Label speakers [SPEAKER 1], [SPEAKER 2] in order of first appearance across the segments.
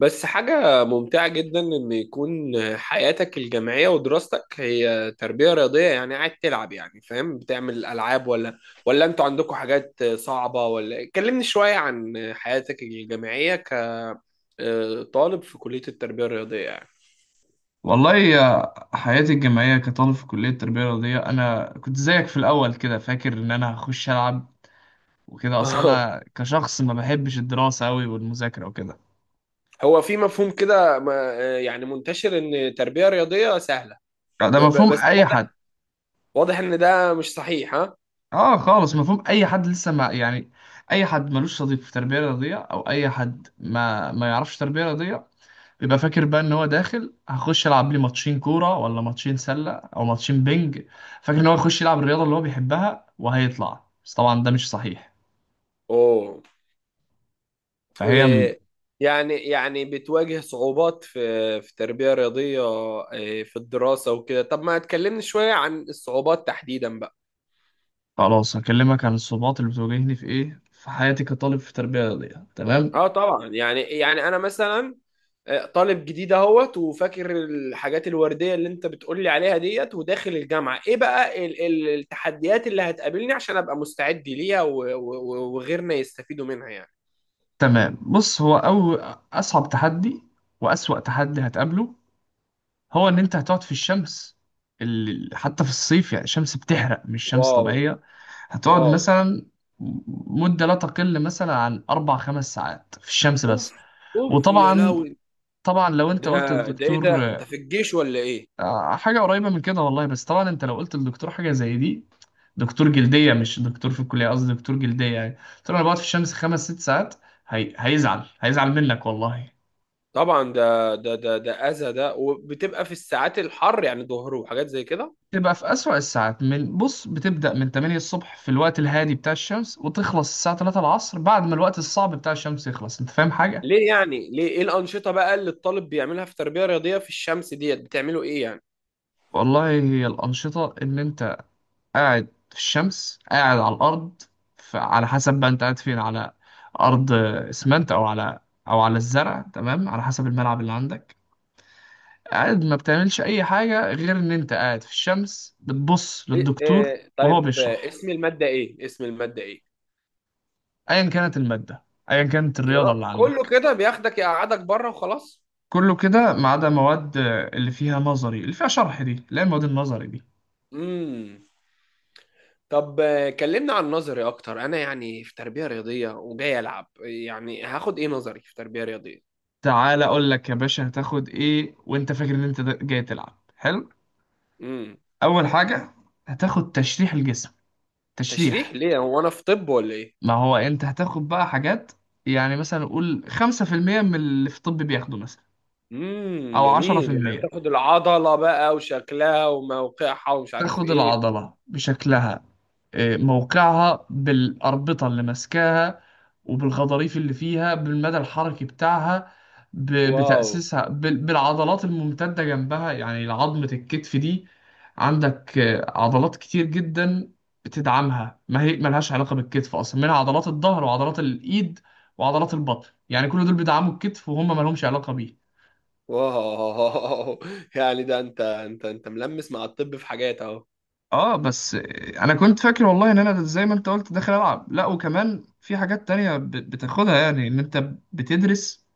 [SPEAKER 1] بس حاجة ممتعة جدا إن يكون حياتك الجامعية ودراستك هي تربية رياضية. يعني قاعد تلعب، يعني فاهم، بتعمل ألعاب ولا أنتوا عندكم حاجات صعبة؟ ولا كلمني شوية عن حياتك الجامعية كطالب في كلية التربية الرياضية يعني.
[SPEAKER 2] والله آه، حياتي الجامعية كطالب في كلية التربية الرياضية أنا كنت زيك في الأول كده فاكر إن أنا هخش ألعب وكده. أصلا
[SPEAKER 1] آه.
[SPEAKER 2] أنا كشخص ما بحبش الدراسة أوي والمذاكرة وكده.
[SPEAKER 1] هو في مفهوم كده يعني منتشر إن تربية رياضية سهلة.
[SPEAKER 2] لا، ده
[SPEAKER 1] وب- ب-
[SPEAKER 2] مفهوم
[SPEAKER 1] بس
[SPEAKER 2] أي
[SPEAKER 1] واضح،
[SPEAKER 2] حد.
[SPEAKER 1] واضح إن ده مش صحيح، ها؟
[SPEAKER 2] آه خالص، مفهوم أي حد لسه ما أي حد ملوش صديق في التربية الرياضية أو أي حد ما يعرفش تربية رياضية بيبقى فاكر بقى إن هو داخل هخش ألعب لي ماتشين كورة ولا ماتشين سلة أو ماتشين بينج. فاكر إن هو يخش يلعب الرياضة اللي هو بيحبها وهيطلع، بس طبعا ده مش صحيح.
[SPEAKER 1] أوه،
[SPEAKER 2] فهي
[SPEAKER 1] إيه، يعني بتواجه صعوبات في تربية رياضية، إيه، في الدراسة وكده. طب ما تكلمني شوية عن الصعوبات تحديدا بقى.
[SPEAKER 2] خلاص هكلمك عن الصعوبات اللي بتواجهني في ايه، في حياتي كطالب في تربية رياضية. تمام
[SPEAKER 1] اه طبعا، يعني انا مثلا آه، طالب جديد اهوت، وفاكر الحاجات الوردية اللي انت بتقولي عليها ديت. وداخل الجامعة ايه بقى التحديات اللي هتقابلني، عشان ابقى مستعد ليها وغيرنا يستفيدوا منها يعني.
[SPEAKER 2] تمام. بص، هو أول، أصعب تحدي وأسوأ تحدي هتقابله هو إن أنت هتقعد في الشمس. حتى في الصيف يعني الشمس بتحرق، مش شمس
[SPEAKER 1] واو.
[SPEAKER 2] طبيعية. هتقعد
[SPEAKER 1] واو.
[SPEAKER 2] مثلا مدة لا تقل مثلا عن أربع خمس ساعات في الشمس
[SPEAKER 1] اوف.
[SPEAKER 2] بس.
[SPEAKER 1] اوف يا
[SPEAKER 2] وطبعا
[SPEAKER 1] لهوي.
[SPEAKER 2] طبعا لو أنت
[SPEAKER 1] ده،
[SPEAKER 2] قلت
[SPEAKER 1] ده ايه
[SPEAKER 2] للدكتور،
[SPEAKER 1] ده، انت في الجيش ولا ايه؟
[SPEAKER 2] آه، حاجة قريبة من كده والله. بس طبعا أنت لو قلت للدكتور حاجة زي دي، دكتور جلدية مش دكتور في الكلية، قصدي دكتور جلدية، يعني قلت له أنا بقعد في الشمس خمس ست ساعات، هي... هيزعل هيزعل منك والله.
[SPEAKER 1] طبعا ده اذى ده، وبتبقى في الساعات الحر، يعني ظهر وحاجات زي كده.
[SPEAKER 2] تبقى في أسوأ الساعات. من بص بتبدأ من 8 الصبح في الوقت الهادي بتاع الشمس وتخلص الساعة 3 العصر بعد ما الوقت الصعب بتاع الشمس يخلص. أنت فاهم حاجة؟
[SPEAKER 1] ليه يعني؟ ليه؟ ايه الانشطه بقى اللي الطالب بيعملها في تربيه رياضيه في الشمس ديت؟ بتعملوا ايه يعني؟
[SPEAKER 2] والله هي الأنشطة إن أنت قاعد في الشمس، قاعد على الأرض. على حسب بقى أنت قاعد فين، على أرض إسمنت أو على، أو على الزرع، تمام، على حسب الملعب اللي عندك. قاعد ما بتعملش اي حاجه غير ان انت قاعد في الشمس بتبص
[SPEAKER 1] إيه،
[SPEAKER 2] للدكتور
[SPEAKER 1] إيه،
[SPEAKER 2] وهو
[SPEAKER 1] طيب، آه،
[SPEAKER 2] بيشرح،
[SPEAKER 1] اسم الماده ايه؟ اسم الماده ايه؟
[SPEAKER 2] ايا كانت الماده، ايا كانت
[SPEAKER 1] يا
[SPEAKER 2] الرياضه
[SPEAKER 1] رب
[SPEAKER 2] اللي
[SPEAKER 1] كله
[SPEAKER 2] عندك.
[SPEAKER 1] كده بياخدك يقعدك بره وخلاص.
[SPEAKER 2] كله كده ما عدا مواد اللي فيها نظري، اللي فيها شرح دي، لا، المواد النظري دي.
[SPEAKER 1] امم طب آه، كلمنا عن نظري اكتر. انا يعني في تربيه رياضيه وجاي العب، يعني هاخد ايه نظري في تربيه رياضيه؟
[SPEAKER 2] تعالى اقول لك يا باشا هتاخد ايه وانت فاكر ان جاي تلعب حلو.
[SPEAKER 1] امم
[SPEAKER 2] اول حاجه هتاخد تشريح الجسم.
[SPEAKER 1] تشريح؟
[SPEAKER 2] تشريح.
[SPEAKER 1] ليه، هو انا في طب ولا ايه؟
[SPEAKER 2] ما هو انت هتاخد بقى حاجات، يعني مثلا قول 5% من اللي في الطب بياخده مثلا،
[SPEAKER 1] امم،
[SPEAKER 2] او
[SPEAKER 1] جميل. يعني
[SPEAKER 2] 10%.
[SPEAKER 1] تاخد العضلة بقى وشكلها وموقعها، ومش عارف
[SPEAKER 2] تاخد
[SPEAKER 1] ايه.
[SPEAKER 2] العضلة بشكلها، آه، موقعها بالأربطة اللي ماسكاها، وبالغضاريف اللي فيها، بالمدى الحركي بتاعها،
[SPEAKER 1] واو.
[SPEAKER 2] بتأسيسها بالعضلات الممتدة جنبها. يعني عظمة الكتف دي عندك آه، عضلات كتير جدا بتدعمها ما هي ملهاش علاقة بالكتف أصلا، منها عضلات الظهر وعضلات الإيد وعضلات البطن، يعني كل دول بيدعموا الكتف وهم ملهمش علاقة بيه.
[SPEAKER 1] واو. يعني ده انت، ملمس مع الطب في حاجات اهو.
[SPEAKER 2] اه بس انا كنت فاكر والله ان انا زي ما انت قلت داخل العب، لا وكمان في حاجات تانية بتاخدها. يعني ان انت بتدرس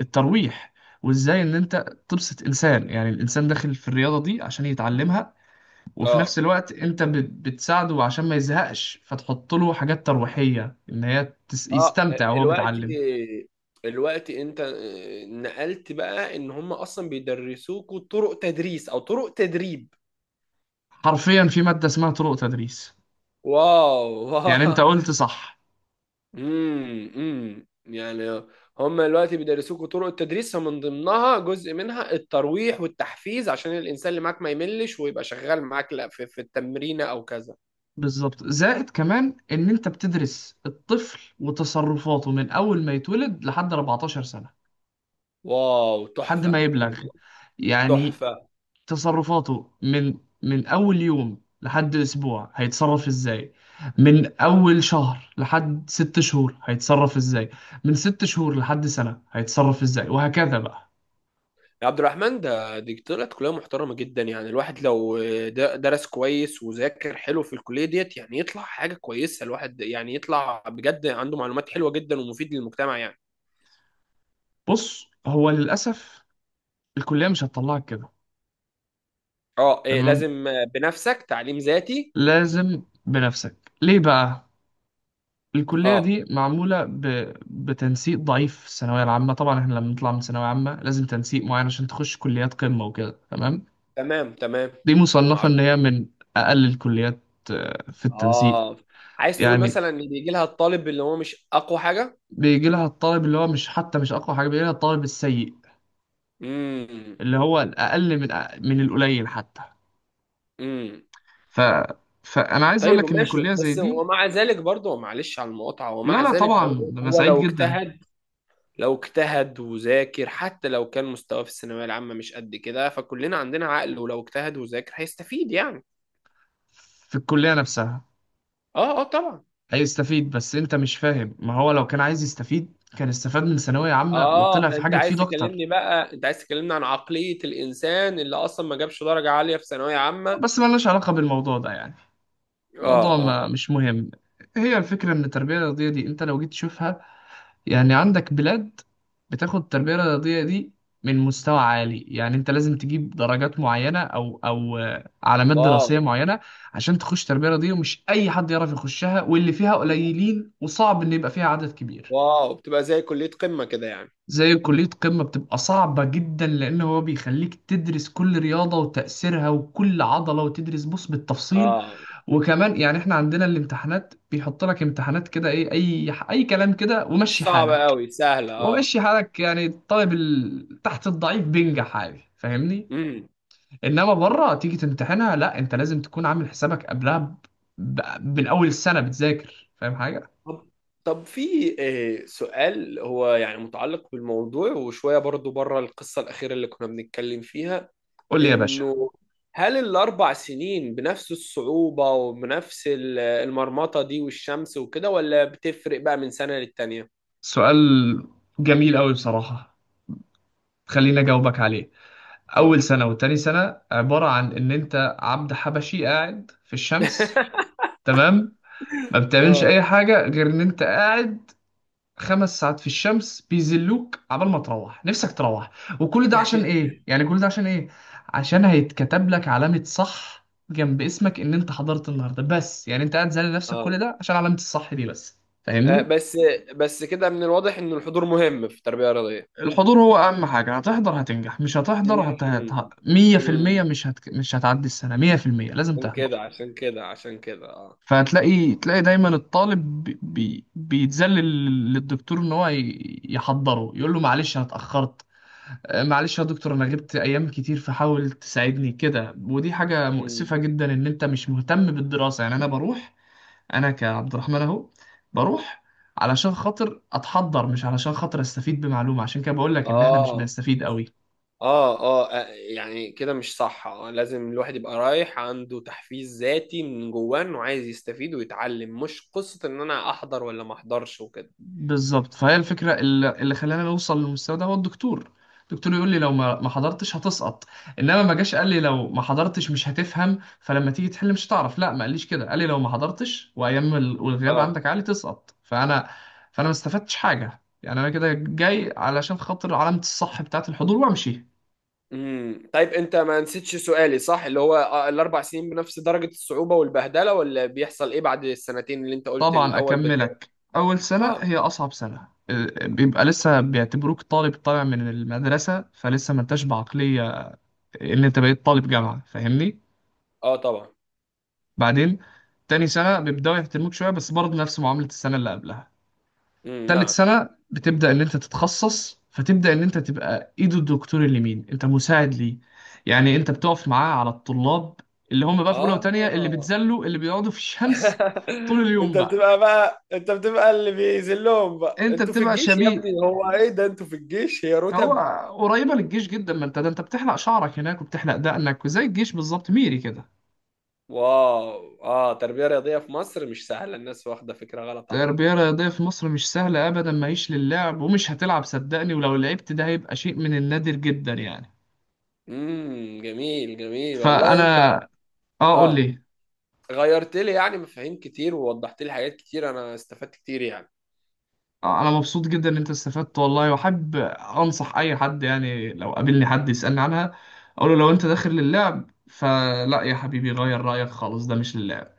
[SPEAKER 2] الترويح، وازاي ان انت تبسط انسان، يعني الانسان داخل في الرياضة دي عشان يتعلمها، وفي نفس
[SPEAKER 1] اه،
[SPEAKER 2] الوقت انت بتساعده عشان ما يزهقش، فتحط له حاجات ترويحية ان هي
[SPEAKER 1] اه،
[SPEAKER 2] يستمتع وهو
[SPEAKER 1] الوقت
[SPEAKER 2] بيتعلم.
[SPEAKER 1] الوقت انت نقلت بقى ان هم اصلا بيدرسوكوا طرق تدريس او طرق تدريب.
[SPEAKER 2] حرفيا في مادة اسمها طرق تدريس.
[SPEAKER 1] واو.
[SPEAKER 2] يعني انت قلت صح.
[SPEAKER 1] يعني هم دلوقتي بيدرسوكوا طرق التدريس، من ضمنها جزء منها الترويح والتحفيز، عشان الانسان اللي معاك ما يملش ويبقى شغال معاك، لا في التمرين او كذا.
[SPEAKER 2] بالظبط، زائد كمان ان انت بتدرس الطفل وتصرفاته من اول ما يتولد لحد 14 سنة،
[SPEAKER 1] واو.
[SPEAKER 2] لحد
[SPEAKER 1] تحفه
[SPEAKER 2] ما يبلغ.
[SPEAKER 1] والله.
[SPEAKER 2] يعني
[SPEAKER 1] تحفه.
[SPEAKER 2] تصرفاته من اول يوم لحد اسبوع هيتصرف ازاي، من اول شهر لحد ست شهور هيتصرف ازاي، من ست شهور لحد سنة هيتصرف ازاي، وهكذا بقى.
[SPEAKER 1] يا عبد الرحمن، ده، دي طلعت كليه محترمه جدا. يعني الواحد لو درس كويس وذاكر حلو في الكليه ديت، يعني يطلع حاجه كويسه. الواحد يعني يطلع بجد عنده معلومات حلوة جدا، ومفيد للمجتمع يعني.
[SPEAKER 2] بص هو للاسف الكلية مش هتطلعك كده.
[SPEAKER 1] اه، إيه،
[SPEAKER 2] تمام،
[SPEAKER 1] لازم بنفسك، تعليم ذاتي.
[SPEAKER 2] لازم بنفسك. ليه بقى؟ الكلية
[SPEAKER 1] اه.
[SPEAKER 2] دي معمولة بتنسيق ضعيف في الثانوية العامة. طبعا احنا لما نطلع من ثانوية عامة لازم تنسيق معين عشان تخش كليات قمة وكده، تمام.
[SPEAKER 1] تمام، تمام.
[SPEAKER 2] دي مصنفة ان
[SPEAKER 1] معروف.
[SPEAKER 2] هي من اقل الكليات، آه، في التنسيق.
[SPEAKER 1] اه، عايز تقول
[SPEAKER 2] يعني
[SPEAKER 1] مثلا ان بيجي لها الطالب اللي هو مش اقوى حاجه.
[SPEAKER 2] بيجي لها الطالب اللي هو مش، حتى مش اقوى حاجة، بيجي لها الطالب السيء
[SPEAKER 1] امم.
[SPEAKER 2] اللي هو الاقل من من القليل حتى.
[SPEAKER 1] امم.
[SPEAKER 2] ف... فانا عايز اقول
[SPEAKER 1] طيب،
[SPEAKER 2] لك ان
[SPEAKER 1] ماشي،
[SPEAKER 2] كلية زي
[SPEAKER 1] بس
[SPEAKER 2] دي،
[SPEAKER 1] ومع ذلك برضه، معلش على المقاطعه، ومع
[SPEAKER 2] لا لا
[SPEAKER 1] ذلك
[SPEAKER 2] طبعا،
[SPEAKER 1] برضه،
[SPEAKER 2] انا
[SPEAKER 1] هو
[SPEAKER 2] سعيد
[SPEAKER 1] لو
[SPEAKER 2] جدا
[SPEAKER 1] اجتهد، لو اجتهد وذاكر، حتى لو كان مستواه في الثانويه العامه مش قد كده، فكلنا عندنا عقل، ولو اجتهد وذاكر هيستفيد يعني.
[SPEAKER 2] في الكلية نفسها
[SPEAKER 1] اه. اه، طبعا.
[SPEAKER 2] هيستفيد، بس انت مش فاهم. ما هو لو كان عايز يستفيد كان استفاد من ثانوية عامة وطلع
[SPEAKER 1] اه،
[SPEAKER 2] في
[SPEAKER 1] انت
[SPEAKER 2] حاجة
[SPEAKER 1] عايز
[SPEAKER 2] تفيد اكتر.
[SPEAKER 1] تكلمني بقى، انت عايز تكلمني عن عقليه الانسان اللي اصلا ما جابش درجه عاليه في ثانويه عامه، اه.
[SPEAKER 2] بس ملناش علاقة بالموضوع ده يعني،
[SPEAKER 1] اه،
[SPEAKER 2] الموضوع ما
[SPEAKER 1] آه.
[SPEAKER 2] مش مهم. هي الفكرة ان التربية الرياضية دي انت لو جيت تشوفها، يعني عندك بلاد بتاخد التربية الرياضية دي من مستوى عالي، يعني انت لازم تجيب درجات معينة او آه، علامات
[SPEAKER 1] واو.
[SPEAKER 2] دراسية معينة عشان تخش تربية رياضية، ومش اي حد يعرف يخشها، واللي فيها قليلين وصعب ان يبقى فيها عدد كبير.
[SPEAKER 1] واو، بتبقى زي كلية قمة كده يعني.
[SPEAKER 2] زي كلية قمة، بتبقى صعبة جدا لأن هو بيخليك تدرس كل رياضة وتأثيرها وكل عضلة، وتدرس بص بالتفصيل.
[SPEAKER 1] اه،
[SPEAKER 2] وكمان يعني احنا عندنا الامتحانات بيحط لك امتحانات كده ايه، أي كلام كده
[SPEAKER 1] مش
[SPEAKER 2] ومشي
[SPEAKER 1] صعبة
[SPEAKER 2] حالك،
[SPEAKER 1] قوي، سهلة، اه.
[SPEAKER 2] ومشي حالك. يعني الطالب تحت الضعيف بينجح عادي، فاهمني؟
[SPEAKER 1] امم.
[SPEAKER 2] إنما بره تيجي تمتحنها، لا، أنت لازم تكون عامل حسابك قبلها ب... من أول السنة بتذاكر. فاهم حاجة؟
[SPEAKER 1] طب طب في آه، سؤال، هو يعني متعلق بالموضوع وشوية برضو بره، القصة الأخيرة اللي كنا بنتكلم فيها.
[SPEAKER 2] قول لي يا باشا.
[SPEAKER 1] إنه هل الأربع سنين بنفس الصعوبة وبنفس المرمطة دي والشمس وكده، ولا بتفرق بقى من سنة للتانية؟
[SPEAKER 2] سؤال جميل أوي بصراحة، خليني أجاوبك عليه.
[SPEAKER 1] اتفضل.
[SPEAKER 2] اول سنه وتاني سنه عباره عن ان انت عبد حبشي قاعد في الشمس، تمام، ما بتعملش
[SPEAKER 1] اه.
[SPEAKER 2] اي حاجه غير ان انت قاعد خمس ساعات في الشمس بيذلوك عبال ما تروح نفسك تروح. وكل ده عشان ايه؟ يعني كل ده عشان ايه؟ عشان هيتكتب لك علامه صح جنب اسمك ان انت حضرت النهارده بس، يعني انت قاعد زعل نفسك كل
[SPEAKER 1] اه،
[SPEAKER 2] ده عشان علامه الصح دي بس،
[SPEAKER 1] آه،
[SPEAKER 2] فاهمني؟
[SPEAKER 1] بس كده من الواضح إن الحضور مهم في التربية الرياضية.
[SPEAKER 2] الحضور هو اهم حاجه. هتحضر هتنجح، مش هتحضر
[SPEAKER 1] امم.
[SPEAKER 2] 100%
[SPEAKER 1] امم.
[SPEAKER 2] مش هتعدي السنه. 100% لازم
[SPEAKER 1] عشان كده،
[SPEAKER 2] تحضر.
[SPEAKER 1] عشان كده، عشان كده، اه.
[SPEAKER 2] فهتلاقي، تلاقي دايما الطالب بيتذلل للدكتور ان هو يحضره، يقول له معلش انا اتاخرت، آه، معلش يا دكتور انا غبت ايام كتير فحاول تساعدني كده. ودي حاجه مؤسفه
[SPEAKER 1] امم.
[SPEAKER 2] جدا ان انت مش مهتم بالدراسه. يعني انا بروح، انا كعبد الرحمن اهو بروح علشان خاطر اتحضر مش علشان خاطر استفيد بمعلومه، عشان كده بقول لك ان احنا مش
[SPEAKER 1] اه،
[SPEAKER 2] بنستفيد قوي.
[SPEAKER 1] اه، اه، آه، يعني كده مش صح، اه. لازم الواحد يبقى رايح عنده تحفيز ذاتي من جواه، انه عايز يستفيد ويتعلم، مش قصة ان انا احضر ولا ما احضرش وكده.
[SPEAKER 2] بالظبط. فهي الفكره اللي خلاني اوصل للمستوى ده هو الدكتور. الدكتور يقول لي لو ما حضرتش هتسقط، انما ما جاش قال لي لو ما حضرتش مش هتفهم فلما تيجي تحل مش هتعرف، لا ما قاليش كده، قال لي لو ما حضرتش والغياب
[SPEAKER 1] اه.
[SPEAKER 2] عندك عالي تسقط. فانا، فانا ما استفدتش حاجه، يعني انا كده جاي علشان خاطر علامه الصح بتاعه الحضور وامشي.
[SPEAKER 1] امم. طيب، انت ما نسيتش سؤالي، صح؟ اللي هو آه، الاربع سنين بنفس درجة الصعوبة والبهدلة، ولا بيحصل ايه بعد السنتين اللي انت قلت
[SPEAKER 2] طبعا
[SPEAKER 1] الاول بتاع؟
[SPEAKER 2] اكملك. اول سنه
[SPEAKER 1] اه.
[SPEAKER 2] هي اصعب سنه، أه، بيبقى لسه بيعتبروك طالب طالع من المدرسه، فلسه ما انتش بعقليه اللي انت بقيت طالب جامعه، فاهمني؟
[SPEAKER 1] اه، طبعا.
[SPEAKER 2] بعدين تاني سنه بيبداوا يحترموك شويه، بس برضه نفس معامله السنه اللي قبلها.
[SPEAKER 1] امم.
[SPEAKER 2] تالت
[SPEAKER 1] نعم.
[SPEAKER 2] سنه بتبدا ان انت تتخصص، فتبدا ان انت تبقى ايد الدكتور اليمين، انت مساعد ليه، يعني انت بتقف معاه على الطلاب اللي هم بقى في اولى وتانيه، اللي
[SPEAKER 1] اه،
[SPEAKER 2] بيتذلوا، اللي بيقعدوا في الشمس طول اليوم
[SPEAKER 1] انت
[SPEAKER 2] بقى.
[SPEAKER 1] بتبقى بقى، انت بتبقى اللي بيذلهم بقى.
[SPEAKER 2] انت
[SPEAKER 1] انتوا في
[SPEAKER 2] بتبقى
[SPEAKER 1] الجيش يا
[SPEAKER 2] شبيه،
[SPEAKER 1] ابني، هو ايه ده، انتوا في الجيش هي
[SPEAKER 2] هو
[SPEAKER 1] رتب؟
[SPEAKER 2] قريبه للجيش جدا، ما انت ده انت بتحلق شعرك هناك وبتحلق دقنك، وزي الجيش بالظبط، ميري كده.
[SPEAKER 1] واو. اه، تربية رياضية في مصر مش سهلة، الناس واخدة فكرة غلط عنها.
[SPEAKER 2] التربية الرياضية في مصر مش سهلة أبدا، ماهيش للعب ومش هتلعب صدقني، ولو لعبت ده هيبقى شيء من النادر جدا يعني.
[SPEAKER 1] امم، جميل، جميل والله. انت
[SPEAKER 2] فأنا، آه قول
[SPEAKER 1] اه،
[SPEAKER 2] لي.
[SPEAKER 1] غيرت لي يعني مفاهيم كتير، ووضحت لي حاجات كتير، انا استفدت كتير يعني.
[SPEAKER 2] آه أنا مبسوط جدا إن أنت استفدت والله، وأحب أنصح أي حد، يعني لو قابلني حد يسألني عنها أقول له لو أنت داخل للعب فلا يا حبيبي، غير رأيك خالص، ده مش للعب.